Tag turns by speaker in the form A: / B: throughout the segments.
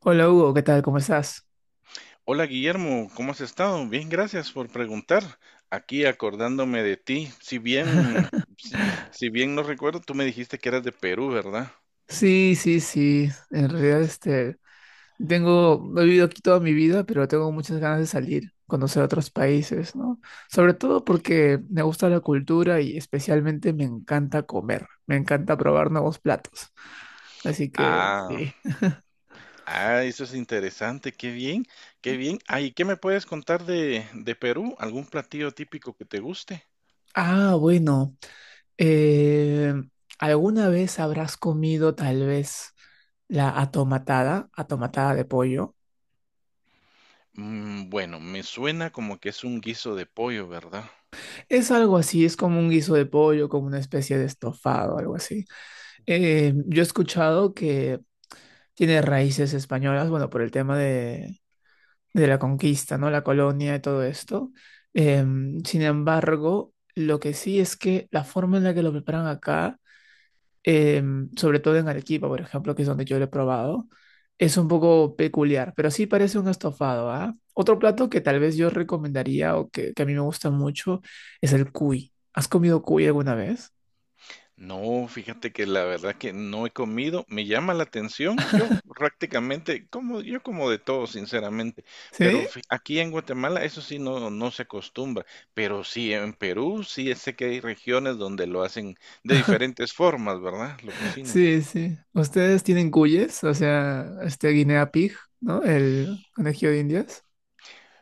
A: Hola Hugo, ¿qué tal? ¿Cómo estás?
B: Hola Guillermo, ¿cómo has estado? Bien, gracias por preguntar. Aquí acordándome de ti. Si bien no recuerdo, tú me dijiste que eras de Perú, ¿verdad?
A: Sí, sí, sí. En realidad, tengo, he vivido aquí toda mi vida, pero tengo muchas ganas de salir, conocer otros países, ¿no? Sobre todo porque me gusta la cultura y especialmente me encanta comer, me encanta probar nuevos platos. Así que,
B: Ah,
A: sí.
B: ah, eso es interesante. Qué bien, qué bien. Ah, ¿y qué me puedes contar de Perú? ¿Algún platillo típico que te guste?
A: Ah, bueno. eh, ¿Alguna vez habrás comido tal vez atomatada de pollo?
B: Bueno, me suena como que es un guiso de pollo, ¿verdad?
A: Es algo así, es como un guiso de pollo, como una especie de estofado, algo así. Yo he escuchado que tiene raíces españolas, bueno, por el tema de la conquista, ¿no? La colonia y todo esto. Sin embargo, lo que sí es que la forma en la que lo preparan acá eh, sobre todo en Arequipa, por ejemplo, que es donde yo lo he probado, es un poco peculiar, pero sí parece un estofado, ¿ah? Otro plato que tal vez yo recomendaría o que a mí me gusta mucho es el cuy. ¿Has comido cuy alguna vez?
B: No, fíjate que la verdad que no he comido, me llama la atención, yo prácticamente, yo como de todo, sinceramente, pero
A: Sí,
B: aquí en Guatemala eso sí no se acostumbra, pero sí en Perú sí sé que hay regiones donde lo hacen de diferentes formas, ¿verdad? Lo cocinan.
A: sí, sí. ¿Ustedes tienen cuyes? O sea, este guinea pig, ¿no? El conejillo de Indias.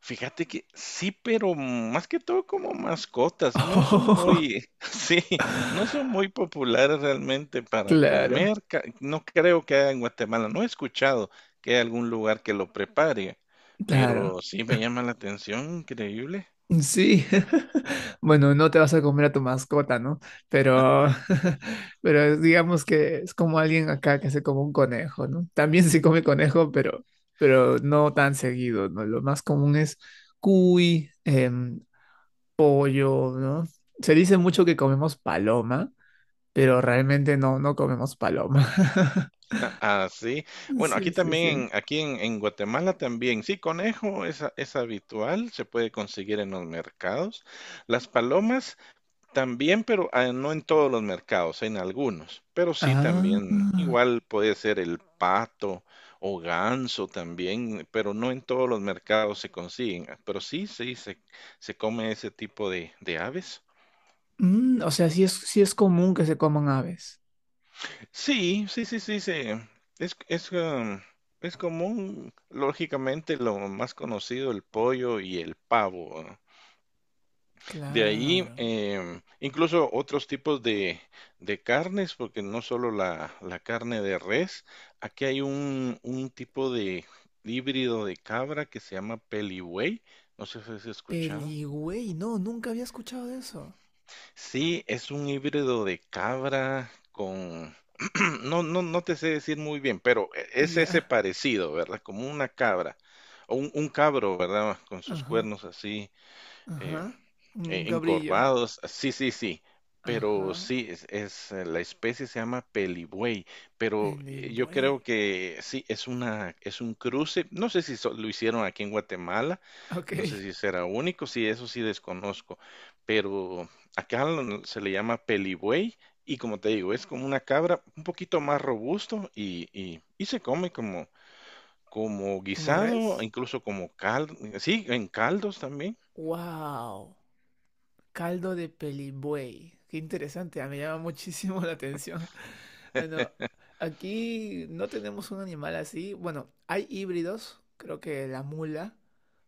B: Fíjate que sí, pero más que todo como mascotas, no son muy, sí, no son muy populares realmente para
A: Claro,
B: comer. No creo que haya en Guatemala, no he escuchado que haya algún lugar que lo prepare,
A: claro.
B: pero sí me llama la atención, increíble.
A: Sí, bueno, no te vas a comer a tu mascota, ¿no? Pero, pero digamos que es como alguien acá que se come un conejo, ¿no? También se come conejo, pero no tan seguido, ¿no? Lo más común es cuy, pollo, ¿no? Se dice mucho que comemos paloma, pero realmente no, no comemos paloma.
B: Ah, sí. Bueno, aquí
A: Sí, sí, sí.
B: también, aquí en Guatemala también, sí, conejo es, es habitual, se puede conseguir en los mercados. Las palomas también, pero ah, no en todos los mercados, en algunos. Pero sí también,
A: Ah,
B: igual puede ser el pato o ganso también, pero no en todos los mercados se consiguen. Ah, pero sí, sí, se come ese tipo de aves.
A: mm, o sea, sí es común que se coman aves.
B: Sí, sí, sí, sí. Es, es, ah, es común, lógicamente, lo más conocido, el pollo y el pavo. Ah. De ahí,
A: Claro.
B: incluso otros tipos de carnes, porque no solo la carne de res, aquí hay un tipo de híbrido de cabra que se llama pelibuey, no sé si has escuchado.
A: Peligüey, no, nunca había escuchado de eso.
B: Sí, es un híbrido de cabra con... No, no, no te sé decir muy bien, pero es ese
A: Ya.
B: parecido, ¿verdad? Como una cabra, o un cabro, ¿verdad? Con sus
A: Ajá.
B: cuernos así, eh,
A: Ajá. Un cabrillo.
B: encorvados, sí, sí, sí, pero
A: Ajá.
B: sí, la especie se llama pelibuey, pero yo
A: Pelibuey.
B: creo que sí, es un cruce, no sé si lo hicieron aquí en Guatemala, no sé
A: Ok.
B: si será único, sí, eso sí desconozco, pero acá se le llama pelibuey y como te digo, es como una cabra un poquito más robusto y se come como, como
A: ¿Como
B: guisado,
A: res?
B: incluso como caldo, sí, en caldos también.
A: Wow. Caldo de pelibuey. Qué interesante, ah, me llama muchísimo la atención. Bueno, aquí no tenemos un animal así. Bueno, hay híbridos, creo que la mula,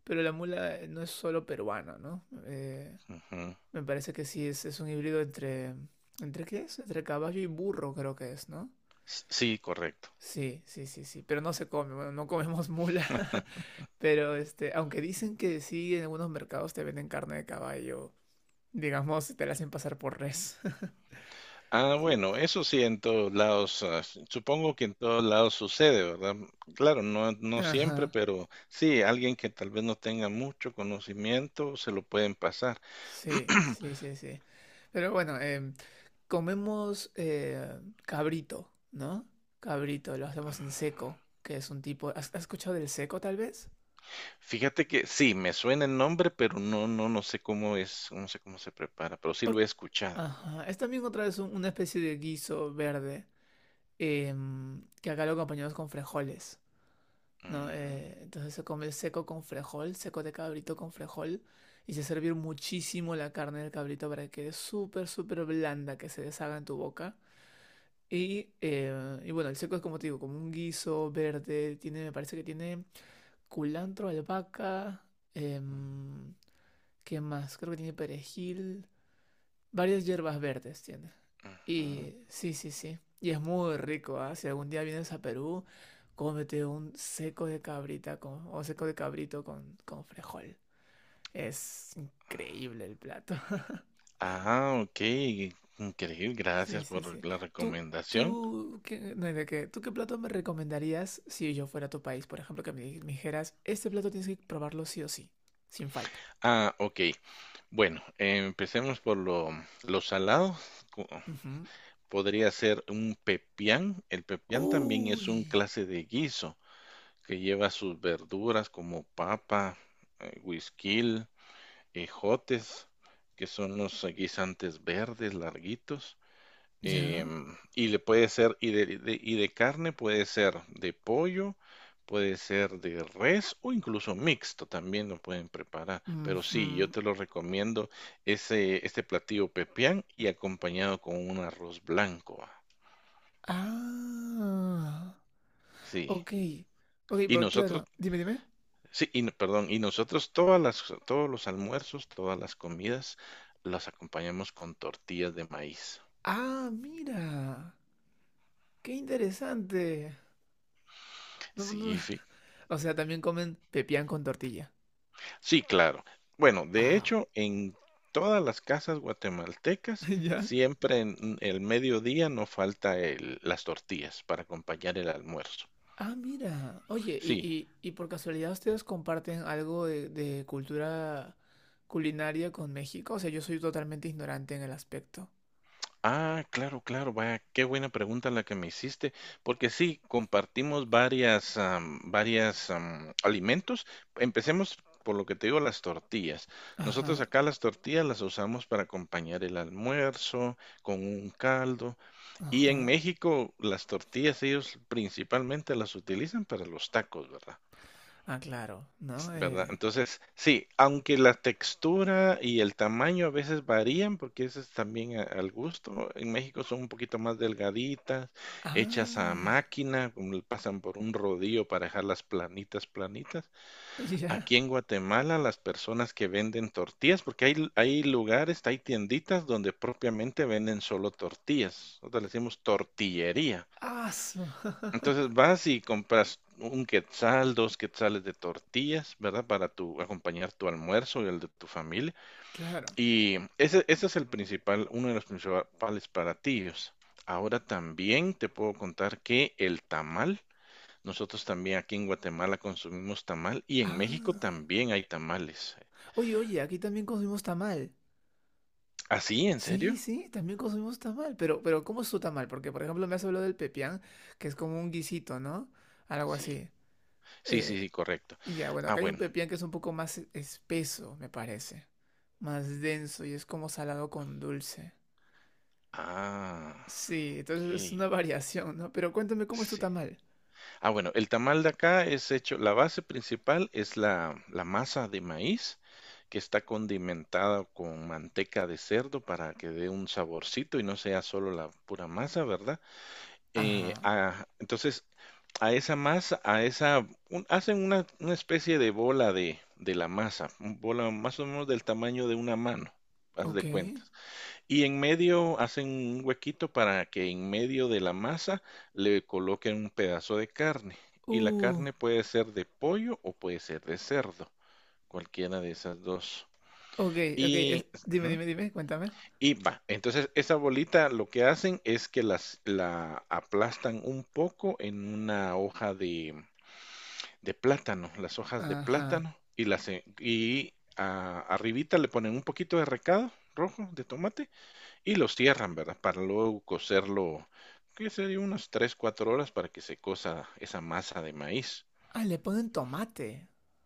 A: pero la mula no es solo peruana, ¿no?
B: Ujú.
A: Me parece que sí, es un híbrido entre... ¿Entre qué es? Entre caballo y burro creo que es, ¿no?
B: S- Sí, correcto.
A: Sí, sí, sí, sí, pero no se come, bueno, no comemos mula, pero aunque dicen que sí, en algunos mercados te venden carne de caballo, digamos, te la hacen pasar por res.
B: Ah,
A: Sí.
B: bueno, eso sí en todos lados, ah, supongo que en todos lados sucede, ¿verdad? Claro, no, no siempre,
A: Ajá,
B: pero sí, alguien que tal vez no tenga mucho conocimiento se lo pueden pasar.
A: sí, sí, sí, sí. Pero bueno, comemos cabrito, ¿no? Cabrito, lo hacemos en
B: Ah,
A: seco, que es un tipo... ¿has escuchado del seco tal vez?
B: fíjate que sí, me suena el nombre, pero no, no, no sé cómo es, no sé cómo se prepara, pero sí lo
A: Ok,
B: he escuchado.
A: ajá. Es también otra vez una especie de guiso verde que acá lo acompañamos con frijoles, ¿no?
B: Ujú.
A: Entonces se come seco con frejol, seco de cabrito con frejol y se sirve muchísimo la carne del cabrito para que quede súper, súper blanda, que se deshaga en tu boca. Y bueno, el seco es como te digo, como un guiso verde, tiene, me parece que tiene culantro, albahaca, em, ¿qué más? Creo que tiene perejil. Varias hierbas verdes tiene. Y sí, sí, sí. Y es muy rico, ¿ah? Si algún día vienes a Perú, cómete un seco de cabrita con, o seco de cabrito con frejol. Es increíble el plato.
B: Ah, ok, increíble,
A: Sí,
B: gracias
A: sí, sí.
B: por la
A: ¿Tú,
B: recomendación.
A: tú, qué, no, ¿de qué? ¿Tú qué plato me recomendarías si yo fuera a tu país? Por ejemplo, que me, me dijeras, este plato tienes que probarlo sí o sí, sin falta.
B: Ah, ok, bueno, empecemos por lo salado.
A: Ujú.
B: Podría ser un pepián. El pepián también es
A: Uy,
B: un clase de guiso que lleva sus verduras como papa, guisquil, ejotes, que son los guisantes verdes larguitos.
A: ya.
B: Y le puede ser, y de carne puede ser de pollo, puede ser de res o incluso mixto también lo pueden preparar. Pero sí, yo
A: Ujú.
B: te lo recomiendo este platillo pepián y acompañado con un arroz blanco.
A: Ah.
B: Sí,
A: Ok, ok,
B: y
A: pero
B: nosotros,
A: claro, dime, dime.
B: sí, perdón, y nosotros todas las, todos los almuerzos, todas las comidas, las acompañamos con tortillas de maíz.
A: Ah, mira, qué interesante. No, no,
B: Sí,
A: no. O sea, también comen pepián con tortilla.
B: sí, claro. Bueno, de
A: Wow.
B: hecho, en todas las casas guatemaltecas,
A: ¿Ya?
B: siempre en el mediodía no falta las tortillas para acompañar el almuerzo.
A: Ah, mira. Oye,
B: Sí,
A: y por casualidad ¿ustedes comparten algo de cultura culinaria con México? O sea, yo soy totalmente ignorante en el aspecto.
B: ah, claro, claro, vaya, qué buena pregunta la que me hiciste, porque sí, compartimos varias alimentos. Empecemos por lo que te digo, las tortillas. Nosotros
A: Ajá,
B: acá las tortillas las usamos para acompañar el almuerzo con un caldo. Y en
A: ajá.
B: México las tortillas ellos principalmente las utilizan para los tacos, ¿verdad?
A: Ah, claro, ¿no?
B: ¿Verdad? Entonces, sí, aunque la textura y el tamaño a veces varían, porque eso es también al gusto, en México son un poquito más delgaditas, hechas a
A: Ah,
B: máquina, como le pasan por un rodillo para dejarlas planitas, planitas.
A: ya.
B: Aquí en Guatemala, las personas que venden tortillas, porque hay lugares, hay tienditas donde propiamente venden solo tortillas, nosotros le decimos tortillería.
A: Ah, su-
B: Entonces vas y compras un quetzal, dos quetzales de tortillas, ¿verdad? Para tu, acompañar tu almuerzo y el de tu familia.
A: claro.
B: Y ese, es el principal, uno de los principales platillos. Ahora también te puedo contar que el tamal, nosotros también aquí en Guatemala consumimos tamal y en México
A: Ah.
B: también hay tamales.
A: Oye, oye, aquí también consumimos tamal.
B: ¿Ah, sí? ¿En serio?
A: Sí, sí, también consumimos tamal. Pero, ¿cómo es su tamal? Porque, por ejemplo, me has hablado del pepián, que es como un guisito, ¿no? Algo
B: Sí,
A: así.
B: sí, sí,
A: Eh,
B: sí, correcto.
A: y ya, bueno,
B: Ah,
A: acá hay un
B: bueno.
A: pepián que es un poco más espeso, me parece. Más denso y es como salado con dulce.
B: Ah,
A: Sí,
B: ok.
A: entonces es una variación, ¿no? Pero cuéntame cómo es tu
B: Sí,
A: tamal.
B: ah, bueno, el tamal de acá es hecho, la base principal es la, masa de maíz que está condimentada con manteca de cerdo para que dé un saborcito y no sea solo la pura masa, ¿verdad? Eh,
A: Ajá.
B: ah, entonces, a esa masa, a esa, hacen una especie de bola de la masa, un bola más o menos del tamaño de una mano, haz
A: Ok.
B: de cuenta. Y en medio hacen un huequito para que en medio de la masa le coloquen un pedazo de carne. Y la
A: Uh.
B: carne puede ser de pollo o puede ser de cerdo, cualquiera de esas dos.
A: Ok, ok.
B: Y,
A: Dime,
B: ujú,
A: dime, dime, cuéntame.
B: y va, entonces esa bolita lo que hacen es que la aplastan un poco en una hoja de plátano, las hojas de
A: Ajá.
B: plátano, y las en- y a- arribita le ponen un poquito de recado rojo de tomate y los cierran, ¿verdad? Para luego cocerlo, qué sería, unas 3, 4 horas para que se cosa esa masa de maíz.
A: Ah, le ponen tomate.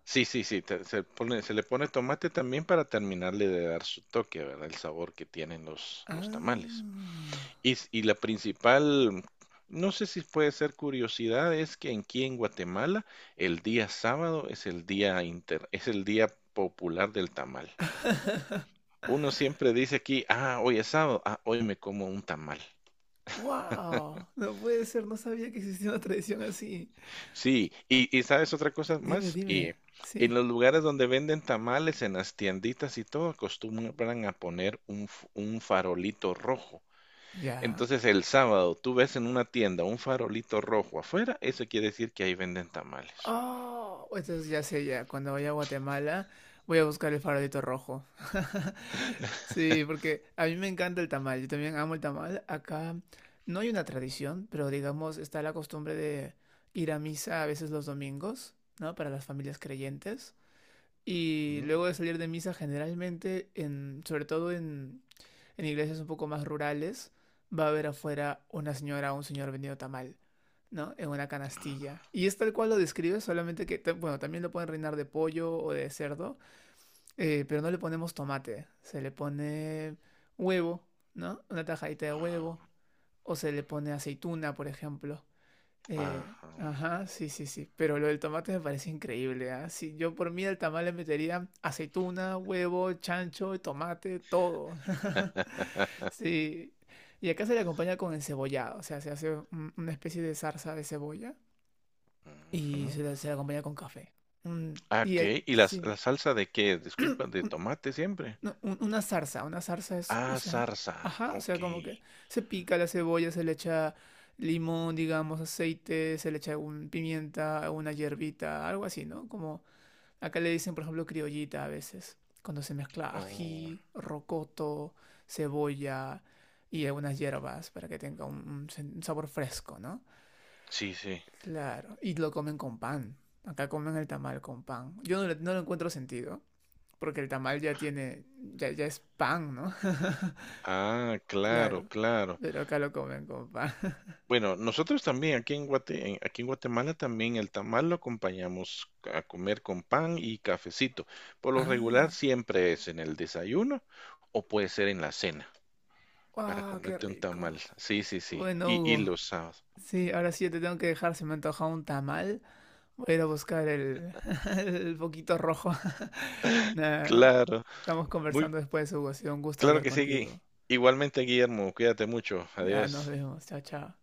B: Sí, sí, sí, se pone, se le pone tomate también para terminarle de dar su toque, ¿verdad? El sabor que tienen los tamales.
A: Ah.
B: Y, y la principal, no sé si puede ser curiosidad, es que aquí en Guatemala el día sábado es el día popular del tamal. Uno siempre dice aquí, ah, hoy es sábado, ah, hoy me como un tamal.
A: ¡Wow! No puede ser, no sabía que existía una tradición así.
B: Sí, y sabes otra cosa
A: Dime,
B: más, y
A: dime.
B: en
A: Sí.
B: los lugares donde venden tamales, en las tienditas y todo, acostumbran a poner un farolito rojo.
A: ¿Ya?
B: Entonces el sábado tú ves en una tienda un farolito rojo afuera, eso quiere decir que ahí venden tamales.
A: Oh, entonces ya sé, ya. Cuando vaya a Guatemala, voy a buscar el farolito rojo. Sí, porque a mí me encanta el tamal. Yo también amo el tamal. Acá no hay una tradición, pero digamos, está la costumbre de ir a misa a veces los domingos, ¿no? Para las familias creyentes. Y
B: Ujú.
A: luego de salir de misa, generalmente, sobre todo en iglesias un poco más rurales, va a haber afuera una señora o un señor vendiendo tamal, ¿no? En una canastilla. Y es tal cual lo describe, solamente que, ta- bueno, también lo pueden reinar de pollo o de cerdo, pero no le ponemos tomate, se le pone huevo, ¿no? Una tajadita de
B: Ah,
A: huevo, o se le pone aceituna, por ejemplo.
B: ajá.
A: Ajá, sí, sí, sí. Pero lo del tomate me parece increíble, ¿ah? Sí, yo por mí al tamal le metería aceituna, huevo, chancho, tomate, todo. Sí. Y acá se le acompaña con encebollado, o sea, se hace una especie de zarza de cebolla y
B: Ujú.
A: se la acompaña con café. Mm,
B: Ah,
A: y
B: ok,
A: ahí-
B: ¿y
A: sí.
B: la salsa de qué? Disculpa, de tomate siempre.
A: No, una zarza es, o
B: Ah,
A: sea,
B: zarza,
A: ajá, o sea,
B: ok.
A: como que se pica la cebolla, se le echa limón, digamos, aceite, se le echa un pimienta, una hierbita, algo así, ¿no? Como acá le dicen, por ejemplo, criollita a veces, cuando se mezcla
B: Oh,
A: ají, rocoto, cebolla y algunas hierbas para que tenga un, un sabor fresco, ¿no?
B: sí, sí.
A: Claro, y lo comen con pan. Acá comen el tamal con pan. Yo no lo encuentro sentido porque el tamal ya tiene, ya, ya es pan, ¿no?
B: Ah,
A: Claro,
B: claro, claro.
A: pero acá lo comen con pan.
B: Bueno, nosotros también aquí en aquí en Guatemala también el tamal lo acompañamos a comer con pan y cafecito. Por lo regular
A: Ah,
B: siempre es en el desayuno o puede ser en la cena para
A: wow, qué
B: comerte un tamal.
A: rico.
B: Sí, sí, sí.
A: Bueno,
B: Y
A: Hugo,
B: los sábados.
A: sí, ahora sí yo te tengo que dejar, se me ha antojado un tamal. Voy a ir a buscar el, el poquito rojo. Nada,
B: Claro,
A: estamos
B: muy
A: conversando después, Hugo, ha sido un gusto
B: claro
A: hablar
B: que sí, Gui.
A: contigo.
B: Igualmente, Guillermo, cuídate mucho.
A: Ya nos
B: Adiós.
A: vemos, chao, chao.